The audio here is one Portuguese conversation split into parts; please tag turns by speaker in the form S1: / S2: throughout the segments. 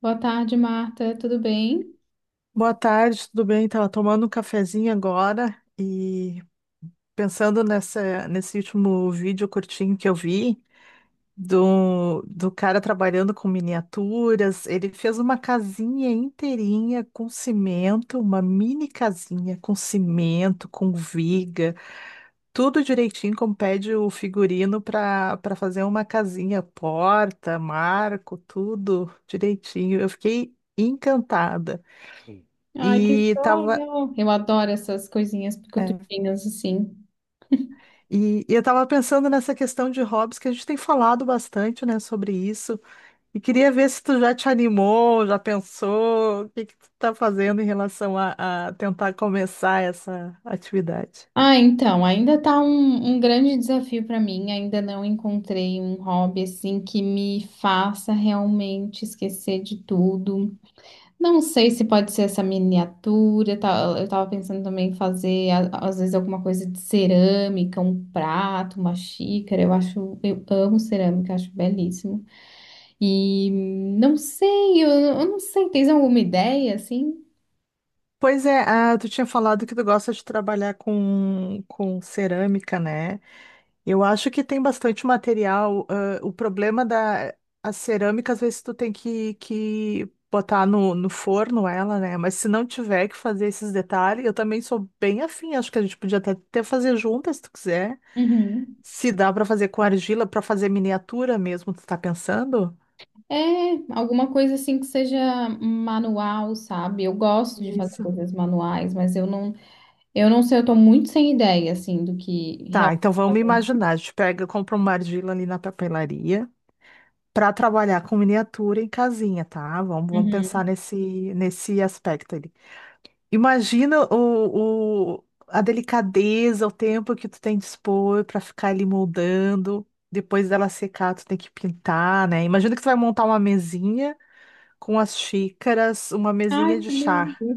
S1: Boa tarde, Marta. Tudo bem?
S2: Boa tarde, tudo bem? Estava tomando um cafezinho agora e pensando nesse último vídeo curtinho que eu vi do cara trabalhando com miniaturas. Ele fez uma casinha inteirinha com cimento, uma mini casinha com cimento, com viga, tudo direitinho como pede o figurino para fazer uma casinha, porta, marco, tudo direitinho. Eu fiquei encantada.
S1: Ai, que
S2: E tava.
S1: sonho! Eu adoro essas coisinhas
S2: É.
S1: picutinhas assim.
S2: E eu estava pensando nessa questão de hobbies, que a gente tem falado bastante, né, sobre isso. E queria ver se tu já te animou, já pensou, o que que tu tá fazendo em relação a tentar começar essa atividade.
S1: Ah, então, ainda tá um, um grande desafio para mim. Ainda não encontrei um hobby assim que me faça realmente esquecer de tudo. Não sei se pode ser essa miniatura. Eu tava pensando também em fazer, às vezes, alguma coisa de cerâmica, um prato, uma xícara. Eu acho, eu amo cerâmica, acho belíssimo. E não sei, eu não sei, tens alguma ideia assim?
S2: Pois é, ah, tu tinha falado que tu gosta de trabalhar com cerâmica, né? Eu acho que tem bastante material. O problema da a cerâmica, às vezes, tu tem que botar no forno ela, né? Mas se não tiver que fazer esses detalhes, eu também sou bem afim. Acho que a gente podia até fazer juntas, se tu quiser.
S1: Uhum.
S2: Se dá para fazer com argila, para fazer miniatura mesmo, tu tá pensando?
S1: É, alguma coisa assim que seja manual, sabe? Eu gosto de fazer
S2: Isso.
S1: coisas manuais, mas eu não sei, eu tô muito sem ideia assim do que
S2: Tá,
S1: realmente
S2: então vamos
S1: fazer.
S2: imaginar. A gente pega, compra uma argila ali na papelaria. Para trabalhar com miniatura em casinha, tá? Vamos pensar
S1: Uhum.
S2: nesse aspecto ali. Imagina a delicadeza, o tempo que tu tem de expor para ficar ali moldando. Depois dela secar, tu tem que pintar, né? Imagina que tu vai montar uma mesinha com as xícaras, uma
S1: Ai,
S2: mesinha de
S1: que
S2: chá.
S1: lindo.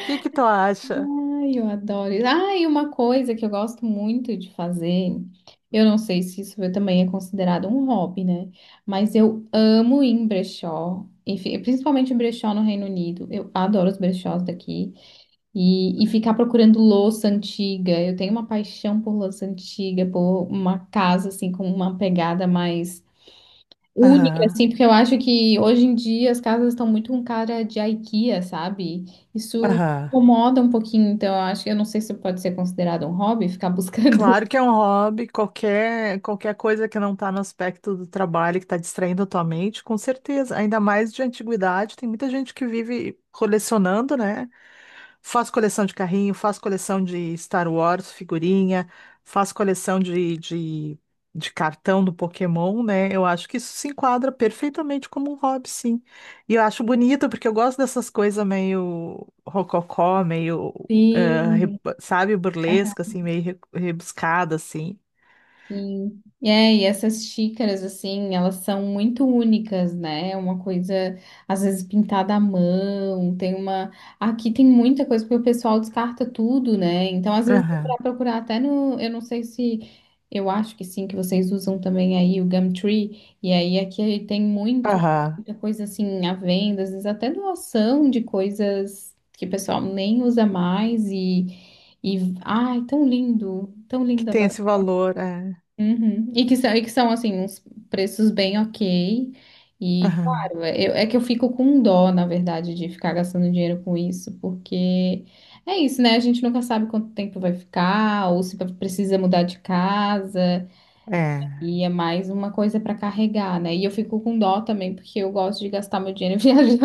S2: O que que tu acha?
S1: Ai, eu adoro isso. Ah, e uma coisa que eu gosto muito de fazer, eu não sei se isso também é considerado um hobby, né? Mas eu amo ir em brechó, enfim, principalmente em brechó no Reino Unido. Eu adoro os brechós daqui. E ficar procurando louça antiga. Eu tenho uma paixão por louça antiga, por uma casa assim com uma pegada mais única,
S2: Aham,
S1: assim, porque eu acho que hoje em dia as casas estão muito com cara de IKEA, sabe? Isso
S2: aham.
S1: incomoda um pouquinho, então eu acho que eu não sei se pode ser considerado um hobby, ficar buscando.
S2: Claro que é um hobby, qualquer, qualquer coisa que não está no aspecto do trabalho, que está distraindo a tua mente, com certeza. Ainda mais de antiguidade, tem muita gente que vive colecionando, né? Faz coleção de carrinho, faz coleção de Star Wars, figurinha, faz coleção de cartão do Pokémon, né? Eu acho que isso se enquadra perfeitamente como um hobby, sim. E eu acho bonito, porque eu gosto dessas coisas meio rococó, meio eh,
S1: Sim.
S2: sabe, burlesca, assim, meio rebuscada, assim.
S1: Sim. E essas xícaras, assim, elas são muito únicas, né? É uma coisa, às vezes, pintada à mão, tem uma… Aqui tem muita coisa, porque o pessoal descarta tudo, né? Então, às vezes, para
S2: Aham,
S1: procurar até no… Eu não sei se… Eu acho que sim, que vocês usam também aí o Gumtree. E aí, aqui tem muito,
S2: aham.
S1: muita coisa, assim, à venda, às vezes até doação de coisas que o pessoal nem usa mais e… E, ai, tão lindo, tão
S2: Que
S1: lindo.
S2: tem esse valor, é.
S1: Uhum. E que são assim, uns preços bem ok. E,
S2: Aham,
S1: claro, é que eu fico com dó, na verdade, de ficar gastando dinheiro com isso, porque é isso, né? A gente nunca sabe quanto tempo vai ficar, ou se precisa mudar de casa,
S2: é.
S1: e é mais uma coisa para carregar, né? E eu fico com dó também, porque eu gosto de gastar meu dinheiro viajando.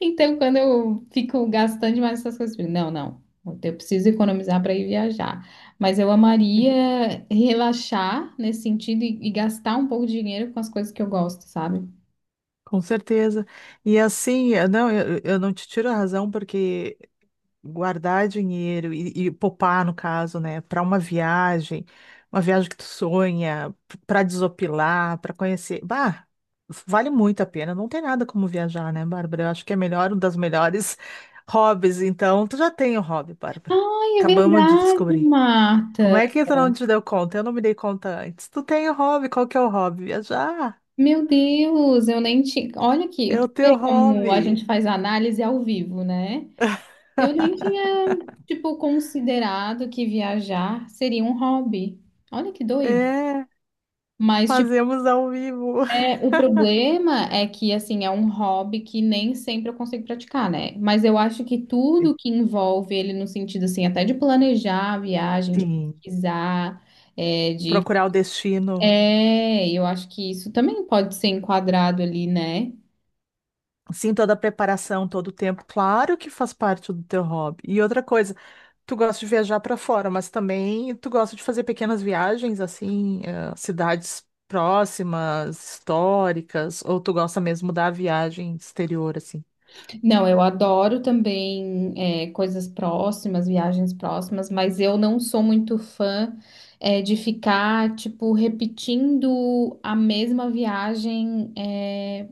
S1: Então, quando eu fico gastando demais essas coisas, eu digo, não, não, eu preciso economizar para ir viajar. Mas eu
S2: Sim.
S1: amaria relaxar nesse sentido e gastar um pouco de dinheiro com as coisas que eu gosto, sabe?
S2: Com certeza. E assim, não, eu não te tiro a razão, porque guardar dinheiro e poupar, no caso, né, para uma viagem que tu sonha, para desopilar, para conhecer. Bah, vale muito a pena. Não tem nada como viajar, né, Bárbara? Eu acho que é melhor, um das melhores hobbies. Então, tu já tem o hobby, Bárbara.
S1: Ai, é
S2: Acabamos de
S1: verdade,
S2: descobrir. Como
S1: Marta.
S2: é que tu não te deu conta? Eu não me dei conta antes. Tu tem o hobby, qual que é o hobby? Viajar.
S1: Meu Deus, eu nem tinha. Olha aqui,
S2: É o
S1: tu vê
S2: teu
S1: como a gente
S2: hobby.
S1: faz análise ao vivo, né? Eu nem tinha, tipo, considerado que viajar seria um hobby. Olha que doido.
S2: É,
S1: Mas, tipo,
S2: fazemos ao vivo.
S1: é, o problema é que, assim, é um hobby que nem sempre eu consigo praticar, né? Mas eu acho que tudo que envolve ele no sentido, assim, até de planejar a viagem, de
S2: Sim.
S1: pesquisar, é, de…
S2: Procurar o destino.
S1: É, eu acho que isso também pode ser enquadrado ali, né?
S2: Sim, toda a preparação, todo o tempo, claro que faz parte do teu hobby. E outra coisa, tu gosta de viajar para fora, mas também tu gosta de fazer pequenas viagens, assim, eh, cidades próximas, históricas, ou tu gosta mesmo da viagem exterior, assim?
S1: Não, eu adoro também, é, coisas próximas, viagens próximas, mas eu não sou muito fã, é, de ficar, tipo, repetindo a mesma viagem, é,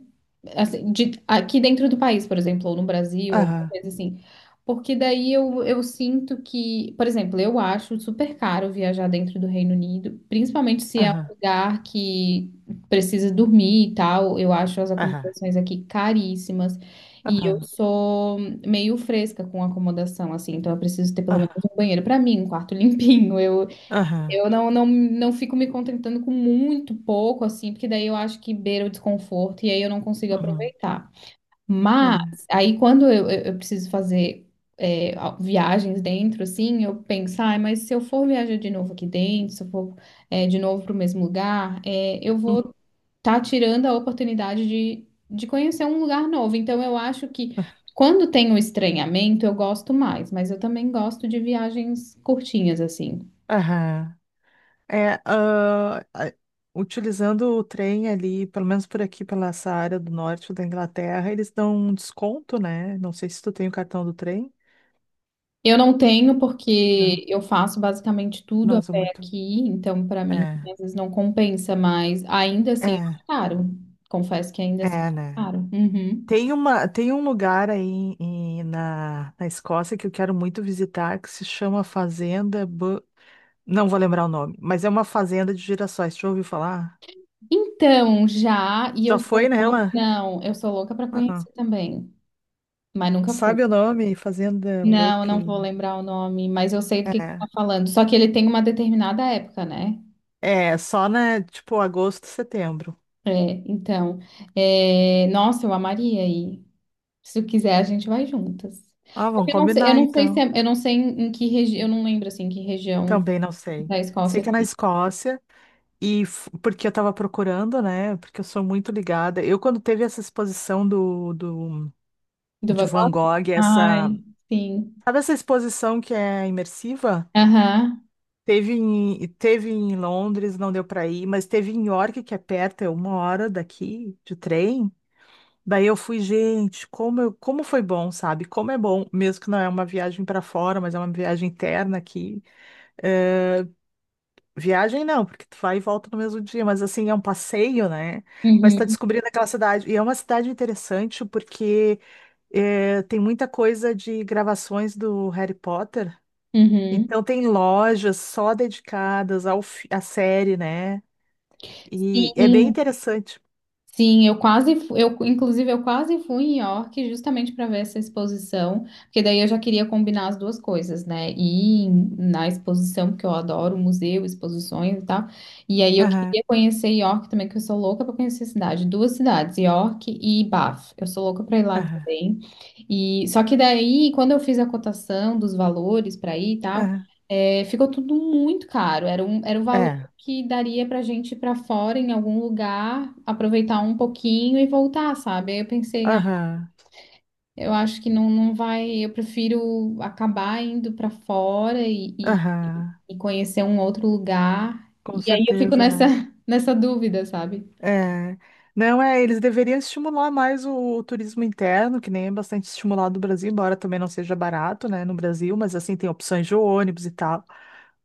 S1: assim, aqui dentro do país, por exemplo, ou no Brasil, alguma
S2: Aham,
S1: coisa assim. Porque daí eu sinto que, por exemplo, eu acho super caro viajar dentro do Reino Unido, principalmente se é um
S2: aham,
S1: lugar que precisa dormir e tal. Eu acho as
S2: aham,
S1: acomodações aqui caríssimas. E eu
S2: aham,
S1: sou meio fresca com acomodação, assim, então eu preciso ter pelo menos
S2: aham,
S1: um banheiro para mim, um quarto limpinho.
S2: aham,
S1: Eu não, não, não fico me contentando com muito pouco, assim, porque daí eu acho que beira o desconforto e aí eu não consigo
S2: aham,
S1: aproveitar.
S2: uhum,
S1: Mas
S2: é,
S1: aí quando eu preciso fazer é, viagens dentro, assim, eu penso, ai, mas se eu for viajar de novo aqui dentro, se eu for é, de novo para o mesmo lugar, é, eu
S2: uhum,
S1: vou estar tirando a oportunidade de conhecer um lugar novo. Então eu acho que quando tem o estranhamento, eu gosto mais, mas eu também gosto de viagens curtinhas, assim.
S2: aham. É, ah, a- utilizando o trem ali, pelo menos por aqui, pela essa área do norte da Inglaterra, eles dão um desconto, né? Não sei se tu tem o cartão do trem.
S1: Eu não tenho
S2: Não,
S1: porque eu faço basicamente tudo
S2: não
S1: a
S2: usa
S1: pé
S2: muito.
S1: aqui, então para mim
S2: É,
S1: às vezes não compensa, mas ainda assim é
S2: é,
S1: caro. Confesso que ainda assim
S2: é,
S1: é
S2: né?
S1: caro. Uhum.
S2: Tem uma, tem um lugar aí na Escócia que eu quero muito visitar, que se chama Fazenda... Não vou lembrar o nome, mas é uma fazenda de girassóis. Tu já ouviu falar?
S1: Então, já, e
S2: Já
S1: eu
S2: foi
S1: sou louca,
S2: nela?
S1: não, eu sou louca para
S2: Ah,
S1: conhecer também, mas nunca fui.
S2: sabe o nome? Fazenda
S1: Não,
S2: Buck...
S1: não vou lembrar o nome, mas eu sei do que você tá falando. Só que ele tem uma determinada época, né?
S2: É, só, né? Tipo, agosto, setembro.
S1: É, então, é, nossa, eu amaria aí. Se tu quiser, a gente vai juntas.
S2: Ah,
S1: Só
S2: vamos
S1: que eu
S2: combinar
S1: não sei se
S2: então.
S1: eu não sei em, em que região, eu não lembro assim em que região
S2: Também não sei.
S1: da
S2: Sei
S1: Escócia
S2: que é na
S1: fica.
S2: Escócia, e porque eu tava procurando, né? Porque eu sou muito ligada. Eu, quando teve essa exposição do, do,
S1: Do
S2: de
S1: Vai-
S2: Van Gogh, essa.
S1: Ai, sim.
S2: Sabe essa exposição que é imersiva?
S1: Aham.
S2: Teve em Londres, não deu para ir, mas teve em York, que é perto, é uma hora daqui de trem. Daí eu fui, gente, como, como foi bom, sabe? Como é bom, mesmo que não é uma viagem para fora, mas é uma viagem interna aqui. Eh, Viagem não, porque tu vai e volta no mesmo dia, mas assim, é um passeio, né? Mas tá
S1: Uhum.
S2: descobrindo aquela cidade. E é uma cidade interessante porque tem muita coisa de gravações do Harry Potter.
S1: Uhum.
S2: Então tem lojas só dedicadas ao, à série, né? E é bem
S1: Sim.
S2: interessante.
S1: Sim, eu quase, eu, inclusive, eu quase fui em York justamente para ver essa exposição, porque daí eu já queria combinar as duas coisas, né? Ir na exposição, porque eu adoro museu, exposições e tal. E aí eu
S2: Aham,
S1: queria conhecer York também, que eu sou louca para conhecer a cidade. Duas cidades, York e Bath. Eu sou louca para ir lá
S2: aham,
S1: também. E só que daí, quando eu fiz a cotação dos valores para ir e tal,
S2: aham.
S1: ficou tudo muito caro. Era o valor
S2: É.
S1: que daria pra gente ir pra fora em algum lugar, aproveitar um pouquinho e voltar, sabe? Aí eu pensei, ah,
S2: Aham,
S1: eu acho que não, não vai, eu prefiro acabar indo pra fora e, e,
S2: aham.
S1: e conhecer um outro lugar.
S2: Com
S1: E aí eu fico
S2: certeza,
S1: nessa,
S2: né?
S1: nessa dúvida, sabe?
S2: É. Não, é, eles deveriam estimular mais o turismo interno, que nem é bastante estimulado no Brasil, embora também não seja barato, né, no Brasil, mas assim, tem opções de ônibus e tal.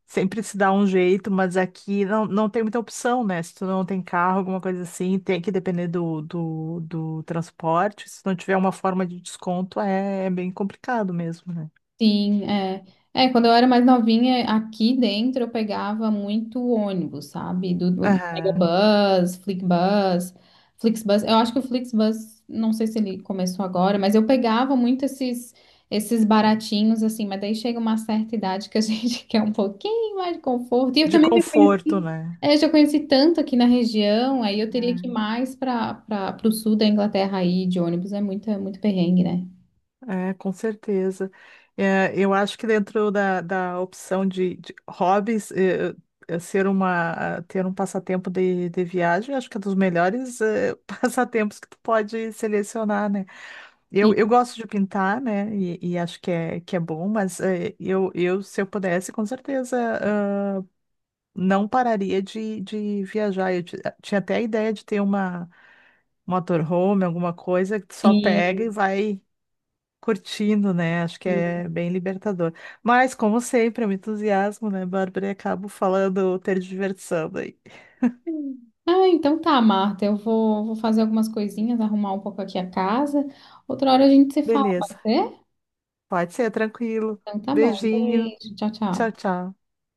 S2: Sempre se dá um jeito, mas aqui não, não tem muita opção, né? Se tu não tem carro, alguma coisa assim, tem que depender do transporte. Se não tiver uma forma de desconto, é, é bem complicado mesmo, né?
S1: Sim, é. É, quando eu era mais novinha, aqui dentro eu pegava muito ônibus, sabe? Do
S2: Aham.
S1: Megabus, Flixbus, Flixbus. Eu acho que o Flixbus, não sei se ele começou agora, mas eu pegava muito esses baratinhos assim, mas daí chega uma certa idade que a gente quer um pouquinho mais de conforto. E eu
S2: De
S1: também já
S2: conforto,
S1: conheci,
S2: né?
S1: é, já conheci tanto aqui na região, aí eu teria que ir
S2: É.
S1: mais para o sul da Inglaterra aí de ônibus, é muito perrengue, né?
S2: É, com certeza. É, eu acho que dentro da opção de hobbies, ter um passatempo de viagem, acho que é dos melhores, passatempos que tu pode selecionar, né? Eu
S1: Sim,
S2: gosto de pintar, né? E acho que é bom, mas se eu pudesse, com certeza, ah, não pararia de viajar. Eu tinha até a ideia de ter uma motorhome, alguma coisa que tu só pega e vai curtindo, né? Acho que
S1: sim.
S2: é bem libertador. Mas, como sempre, eu me entusiasmo, né, Bárbara? E acabo falando, ter diversão aí.
S1: Ah, então tá, Marta. Eu vou, vou fazer algumas coisinhas, arrumar um pouco aqui a casa. Outra hora a gente se fala,
S2: Beleza,
S1: pode ser?
S2: pode ser, tranquilo.
S1: Então tá bom.
S2: Beijinho.
S1: Beijo, tchau, tchau.
S2: Tchau, tchau.